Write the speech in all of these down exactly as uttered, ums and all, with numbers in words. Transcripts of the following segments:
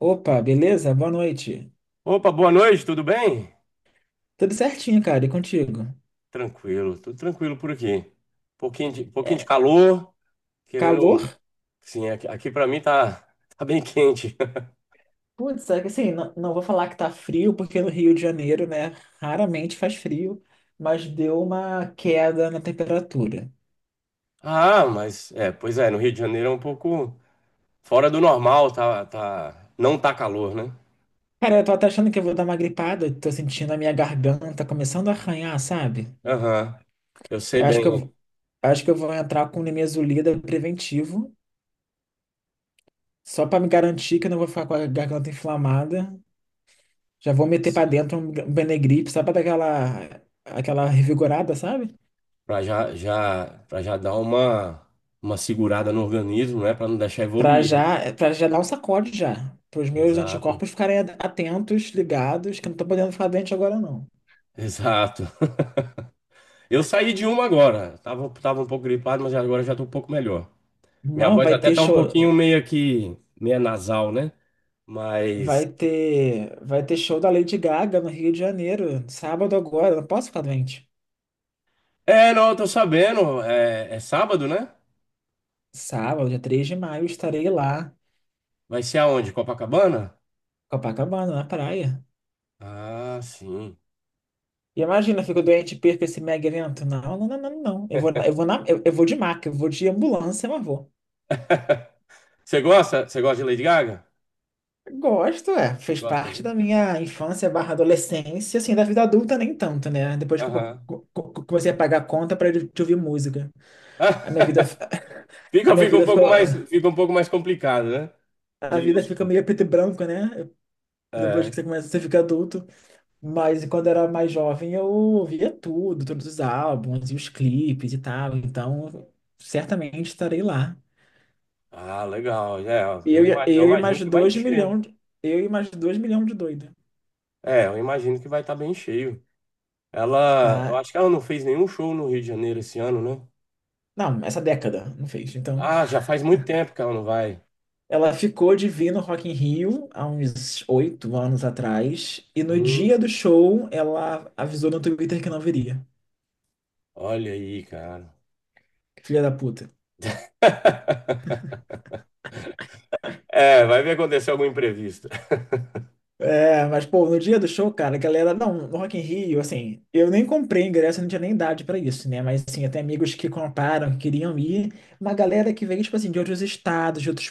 Opa, beleza? Boa noite. Opa, boa noite, tudo bem? Tudo certinho, cara, e contigo? Tranquilo, tudo tranquilo por aqui. Pouquinho de, pouquinho de É, calor, calor? querendo. Sim, aqui, aqui para mim tá, tá bem quente. Putz, é que assim, não, não vou falar que tá frio, porque no Rio de Janeiro, né, raramente faz frio, mas deu uma queda na temperatura. Ah, mas é, pois é, no Rio de Janeiro é um pouco fora do normal, tá, tá, não tá calor, né? Cara, eu tô até achando que eu vou dar uma gripada, eu tô sentindo a minha garganta começando a arranhar, sabe? Aham, eu sei Eu acho bem. que eu, Né? vou- acho que eu vou entrar com nimesulida preventivo, só pra me garantir que eu não vou ficar com a garganta inflamada. Já vou meter pra Sim. dentro um um Benegripe, só pra dar aquela, aquela revigorada, sabe? Pra já, já, para já dar uma, uma segurada no organismo, né? Pra não deixar Pra evoluir, né? já, para já dar um sacode já. Para os meus Exato, anticorpos ficarem atentos, ligados, que eu não tô podendo ficar doente agora, não. exato. Eu saí de uma agora. Tava, tava um pouco gripado, mas agora já tô um pouco melhor. Minha Não, voz vai até ter tá um show, pouquinho meio que meio nasal, né? vai Mas ter, vai ter show da Lady Gaga no Rio de Janeiro, sábado agora, eu não posso ficar doente. é, não, eu tô sabendo. É, é sábado, né? Sábado, dia três de maio, estarei lá, Vai ser aonde? Copacabana? Copacabana, na praia. Ah, sim. E imagina, eu fico doente e perco esse mega evento. Não, não, não, não, não. Eu vou, eu vou na, eu, eu vou de maca, eu vou de ambulância, mas vou. Você gosta? Você gosta de Lady Gaga? Gosto, é. Fez Gosta, parte né? da minha infância barra adolescência, assim, da vida adulta nem tanto, né? Depois que eu co- Aham. co- co- comecei a pagar a conta para de de ouvir música. A minha vida, f- a Fica, minha fica um vida ficou, pouco mais, fica um pouco mais complicado, né? De a ir no vida fica show. meio preto e branco, né? Depois que É. você começa, você fica adulto. Mas quando eu era mais jovem, eu ouvia tudo, todos os álbuns e os clipes e tal. Então, certamente estarei lá. Ah, legal. É, eu, Eu, e- ima- eu eu e imagino mais que vai dois encher. Né? milhões, eu e mais dois milhões de doido. É, eu imagino que vai estar bem cheio. Ela, eu Ah, acho que ela não fez nenhum show no Rio de Janeiro esse ano, né? não, essa década não fez, então. Ah, já faz muito tempo que ela não vai. Ela ficou de vir no Rock in Rio há uns oito anos atrás. E no Hum, dia do show, ela avisou no Twitter que não viria. olha aí, cara. Filha da puta. É, vai ver acontecer algum imprevisto. É, mas, pô, no dia do show, cara, a galera. Não, no Rock in Rio, assim, eu nem comprei ingresso, eu não tinha nem idade pra isso, né? Mas, assim, até amigos que compraram, que queriam ir. Uma galera que veio, tipo assim, de outros estados, de outros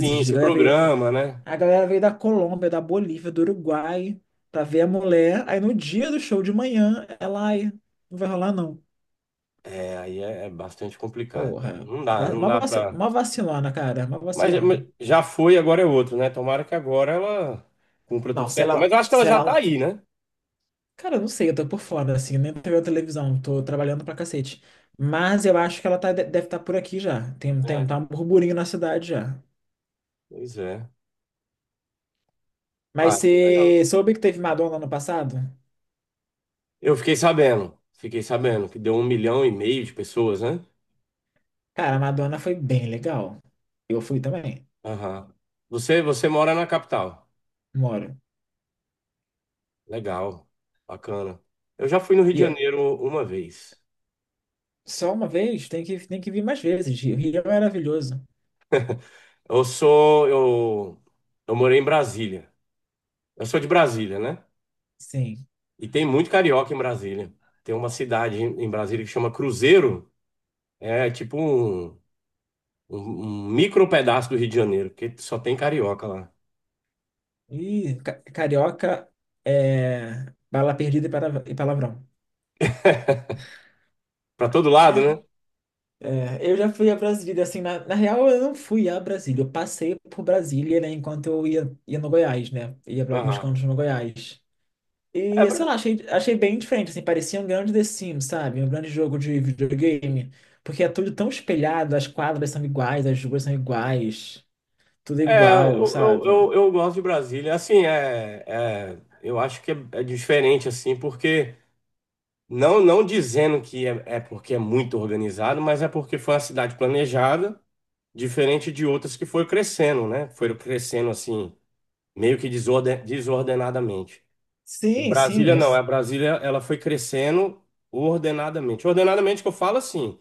Sim, A esse galera veio, programa, né? a galera veio da Colômbia, da Bolívia, do Uruguai, pra ver a mulher. Aí no dia do show de manhã, ela, ai, não vai rolar, não. É, aí é, é bastante complicado, velho. Porra, Não dá, va- não uma dá vaci- pra. uma vacilona, cara, uma Mas mas vacilona. já foi, agora é outro, né? Tomara que agora ela cumpra Não, tudo se certo. Mas ela, eu acho que ela se já tá ela, aí, né? cara, eu não sei, eu tô por fora, assim, nem tô vendo televisão, tô trabalhando pra cacete. Mas eu acho que ela tá, de- deve estar por aqui já. Tem, tem, É, tá um burburinho na cidade já. pois é. Mas Ah, que legal. você soube que teve Madonna ano passado? Eu fiquei sabendo, fiquei sabendo que deu um milhão e meio de pessoas, né? Cara, a Madonna foi bem legal. Eu fui também, Aham. Você, você mora na capital. moro. Legal, bacana. Eu já fui no Rio de E Janeiro uma vez. só uma vez, tem que, tem que vir mais vezes. O Rio é maravilhoso. Eu sou, eu, eu morei em Brasília. Eu sou de Brasília, né? Sim. E tem muito carioca em Brasília. Tem uma cidade em em Brasília que chama Cruzeiro. É tipo um, um, um micro pedaço do Rio de Janeiro, porque só tem carioca lá. Ih, ca- carioca é bala perdida e para- e palavrão. Pra todo lado, né? É, eu já fui a Brasília, assim, na, na real eu não fui a Brasília, eu passei por Brasília, né, enquanto eu ia, ia no Goiás, né, ia pra alguns Aham. cantos no Goiás. É, E, sei Bra- lá, achei, achei bem diferente, assim, parecia um grande The Sims, sabe, um grande jogo de videogame, porque é tudo tão espelhado, as quadras são iguais, as ruas são iguais, tudo é, igual, eu, eu, sabe? eu, eu gosto de Brasília. Assim, é, é, eu acho que é, é diferente, assim, porque não, não dizendo que é, é porque é muito organizado, mas é porque foi uma cidade planejada, diferente de outras que foi crescendo, né? Foram crescendo assim, meio que desorden, desordenadamente. E Sim, Brasília sim. eu não, a Brasília ela foi crescendo ordenadamente. Ordenadamente que eu falo assim,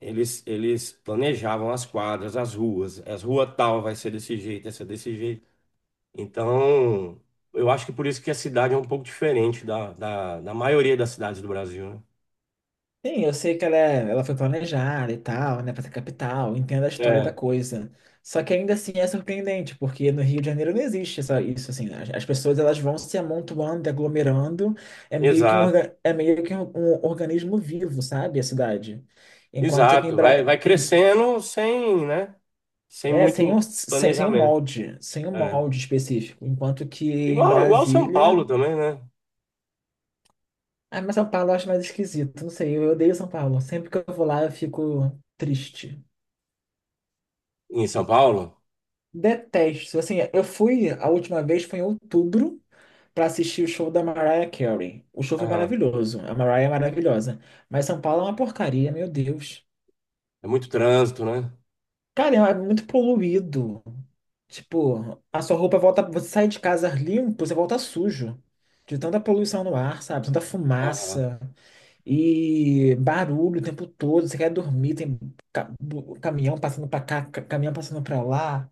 eles eles planejavam as quadras, as ruas, as rua tal vai ser desse jeito, essa desse jeito. Então, eu acho que por isso que a cidade é um pouco diferente da, da, da maioria das cidades do Brasil, né? Sim, eu sei que ela, é- ela foi planejada e tal, né, pra ser capital, entendo a história da É. coisa. Só que ainda assim é surpreendente, porque no Rio de Janeiro não existe essa, isso, assim, as, as pessoas elas vão se amontoando, aglomerando, é meio que um, Exato, orga- é meio que um, um organismo vivo, sabe, a cidade. Enquanto que em, exato. Vai, Bra- vai em- crescendo sem, né? Sem é, sem muito um, sem, sem um planejamento. molde, sem um É. molde específico, enquanto que em Igual, igual São Brasília. Paulo também, né? Ah, mas São Paulo eu acho mais esquisito, não sei, eu odeio São Paulo, sempre que eu vou lá eu fico triste. Em São Paulo, Detesto. Assim, eu fui, a última vez foi em outubro para assistir o show da Mariah Carey. O show foi aham, maravilhoso. A Mariah é maravilhosa. Mas São Paulo é uma porcaria, meu Deus. é muito trânsito, né? Cara, é muito poluído. Tipo, a sua roupa volta. Você sai de casa limpo, você volta sujo. De tanta poluição no ar, sabe? Tanta Aham. fumaça e barulho o tempo todo. Você quer dormir, tem ca- bu- caminhão passando pra cá, ca- caminhão passando pra lá.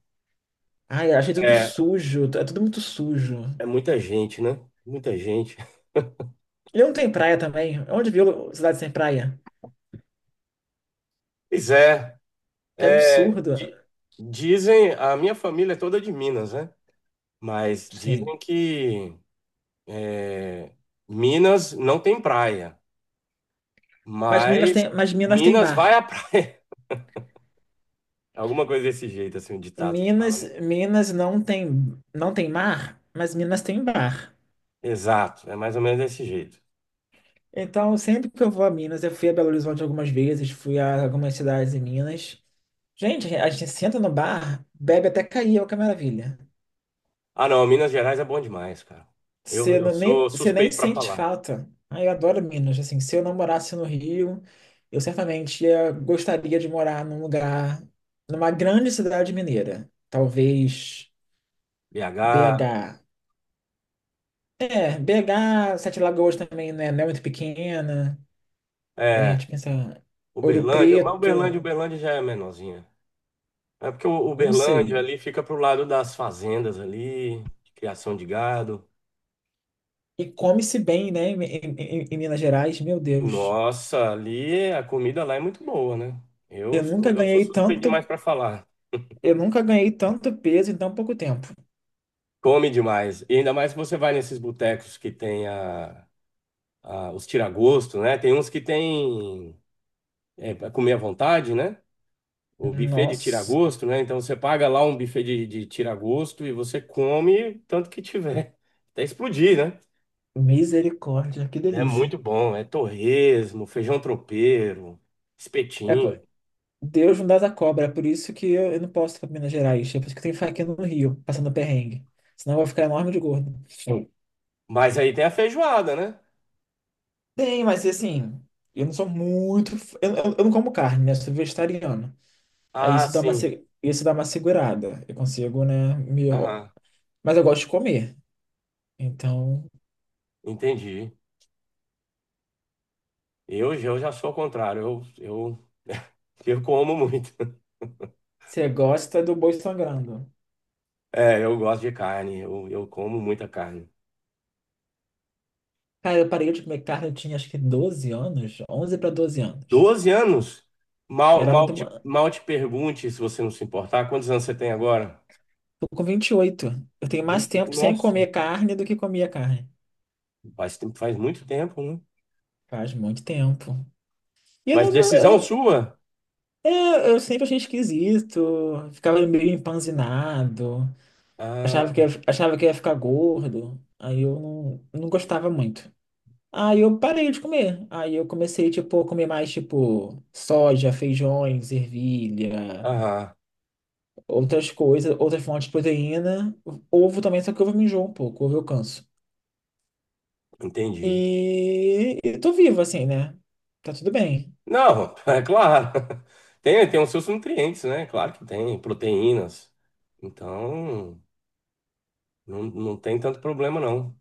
Ai, achei tudo É, sujo, é tudo muito sujo. é muita gente, né? Muita gente. Ele não tem praia também. Onde viu cidade sem praia? Pois é, Que é, absurdo. di- dizem, a minha família é toda de Minas, né? Mas Sim. dizem que é, Minas não tem praia, Mas Minas mas tem, mas Minas tem Minas bar. vai à praia. Alguma coisa desse jeito, assim, um ditado que fala, Minas, né? Minas não tem, não tem mar, mas Minas tem bar. Exato, é mais ou menos desse jeito. Então, sempre que eu vou a Minas, eu fui a Belo Horizonte algumas vezes, fui a algumas cidades em Minas. Gente, a gente senta no bar, bebe até cair, olha que maravilha. Ah, não, Minas Gerais é bom demais, cara. Eu, Você eu não- nem, sou você nem suspeito para sente falar. falta. Ah, eu adoro Minas. Assim, se eu não morasse no Rio, eu certamente ia, gostaria de morar num lugar, numa grande cidade mineira. Talvez B H, B H. É, B H, Sete Lagoas também, né? Não é muito pequena. É, é, deixa eu pensar. Ouro Uberlândia, mas Uberlândia, Preto, Uberlândia já é menorzinha. É porque o não sei. Uberlândia ali fica pro lado das fazendas ali, de criação de gado. E come-se bem, né? Em, em- em- em Minas Gerais, meu Deus. Nossa, ali a comida lá é muito boa, né? Eu Eu nunca sou, eu sou ganhei suspeito demais tanto, para falar. eu nunca ganhei tanto peso em tão pouco tempo. Come demais. E ainda mais se você vai nesses botecos que tem a, a- os tira-gosto, né? Tem uns que tem é, pra comer à vontade, né? O buffet de Nossa. tira-gosto, né? Então você paga lá um buffet de, de tira-gosto e você come tanto que tiver. Até explodir, né? Misericórdia, que É muito delícia. bom. É torresmo, feijão tropeiro, É, pô, espetinho. Deus não dá da cobra, é por isso que eu, eu não posso ir pra Minas Gerais. É por isso que tem faquinha no Rio, passando perrengue. Senão eu vou ficar enorme de gordo. Sim. Mas aí tem a feijoada, né? Tem, mas assim, eu não sou muito. f- Eu, eu- eu não como carne, né? Eu sou vegetariano. Aí Ah, isso dá uma, sim. se- isso dá uma segurada. Eu consigo, né? Me... Aham, Mas eu gosto de comer. Então, entendi. Eu, já- eu já sou ao contrário. Eu, eu, eu como muito. você gosta do boi sangrando. É, eu gosto de carne. Eu, eu como muita carne. Cara, eu parei de comer carne, eu tinha acho que doze anos, onze para doze anos. Doze anos? Mal, Era mal muito. te, mal te pergunte, se você não se importar, quantos anos você tem agora? Tô com vinte e oito. Eu tenho mais vinte. tempo sem Nossa, comer carne do que comia carne. faz, tempo- faz muito tempo, né? Faz muito tempo. E eu Mas não, eu decisão não- sua? é, eu sempre achei esquisito. Ficava meio empanzinado. Achava que ia, Ah, achava que ia ficar gordo. Aí eu não, não gostava muito. Aí eu parei de comer. Aí eu comecei, tipo, a comer mais, tipo, soja, feijões, ervilha, aham, outras coisas, outras fontes de proteína. Ovo também, só que ovo me enjoa um pouco, ovo eu canso. entendi. E eu tô vivo, assim, né? Tá tudo bem. Não, é claro. Tem, tem os seus nutrientes, né? Claro que tem, proteínas. Então, não, não tem tanto problema, não.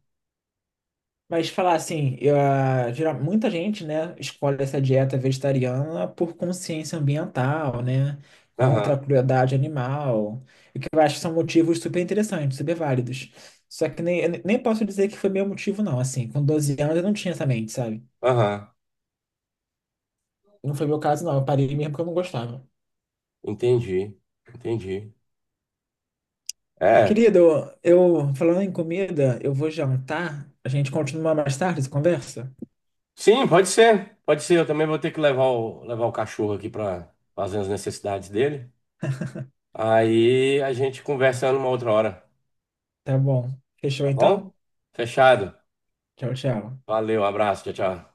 Mas falar assim, eu, ah, geral- muita gente, né, escolhe essa dieta vegetariana por consciência ambiental, né? Aham, Contra a crueldade animal. O que eu acho que são motivos super interessantes, super válidos. Só que nem, eu nem posso dizer que foi meu motivo, não. Assim, com doze anos eu não tinha essa mente, sabe? aham, Não foi meu caso, não. Eu parei mesmo porque eu não gostava. entendi, entendi. É, Querido, eu, falando em comida, eu vou jantar. A gente continua mais tarde essa conversa? sim, pode ser. Pode ser. Eu também vou ter que levar o, levar o cachorro aqui para fazer as necessidades dele. Aí a gente conversa numa outra hora, Tá bom. Fechou tá então? bom? Fechado. Tchau, tchau. Valeu, abraço, tchau, tchau.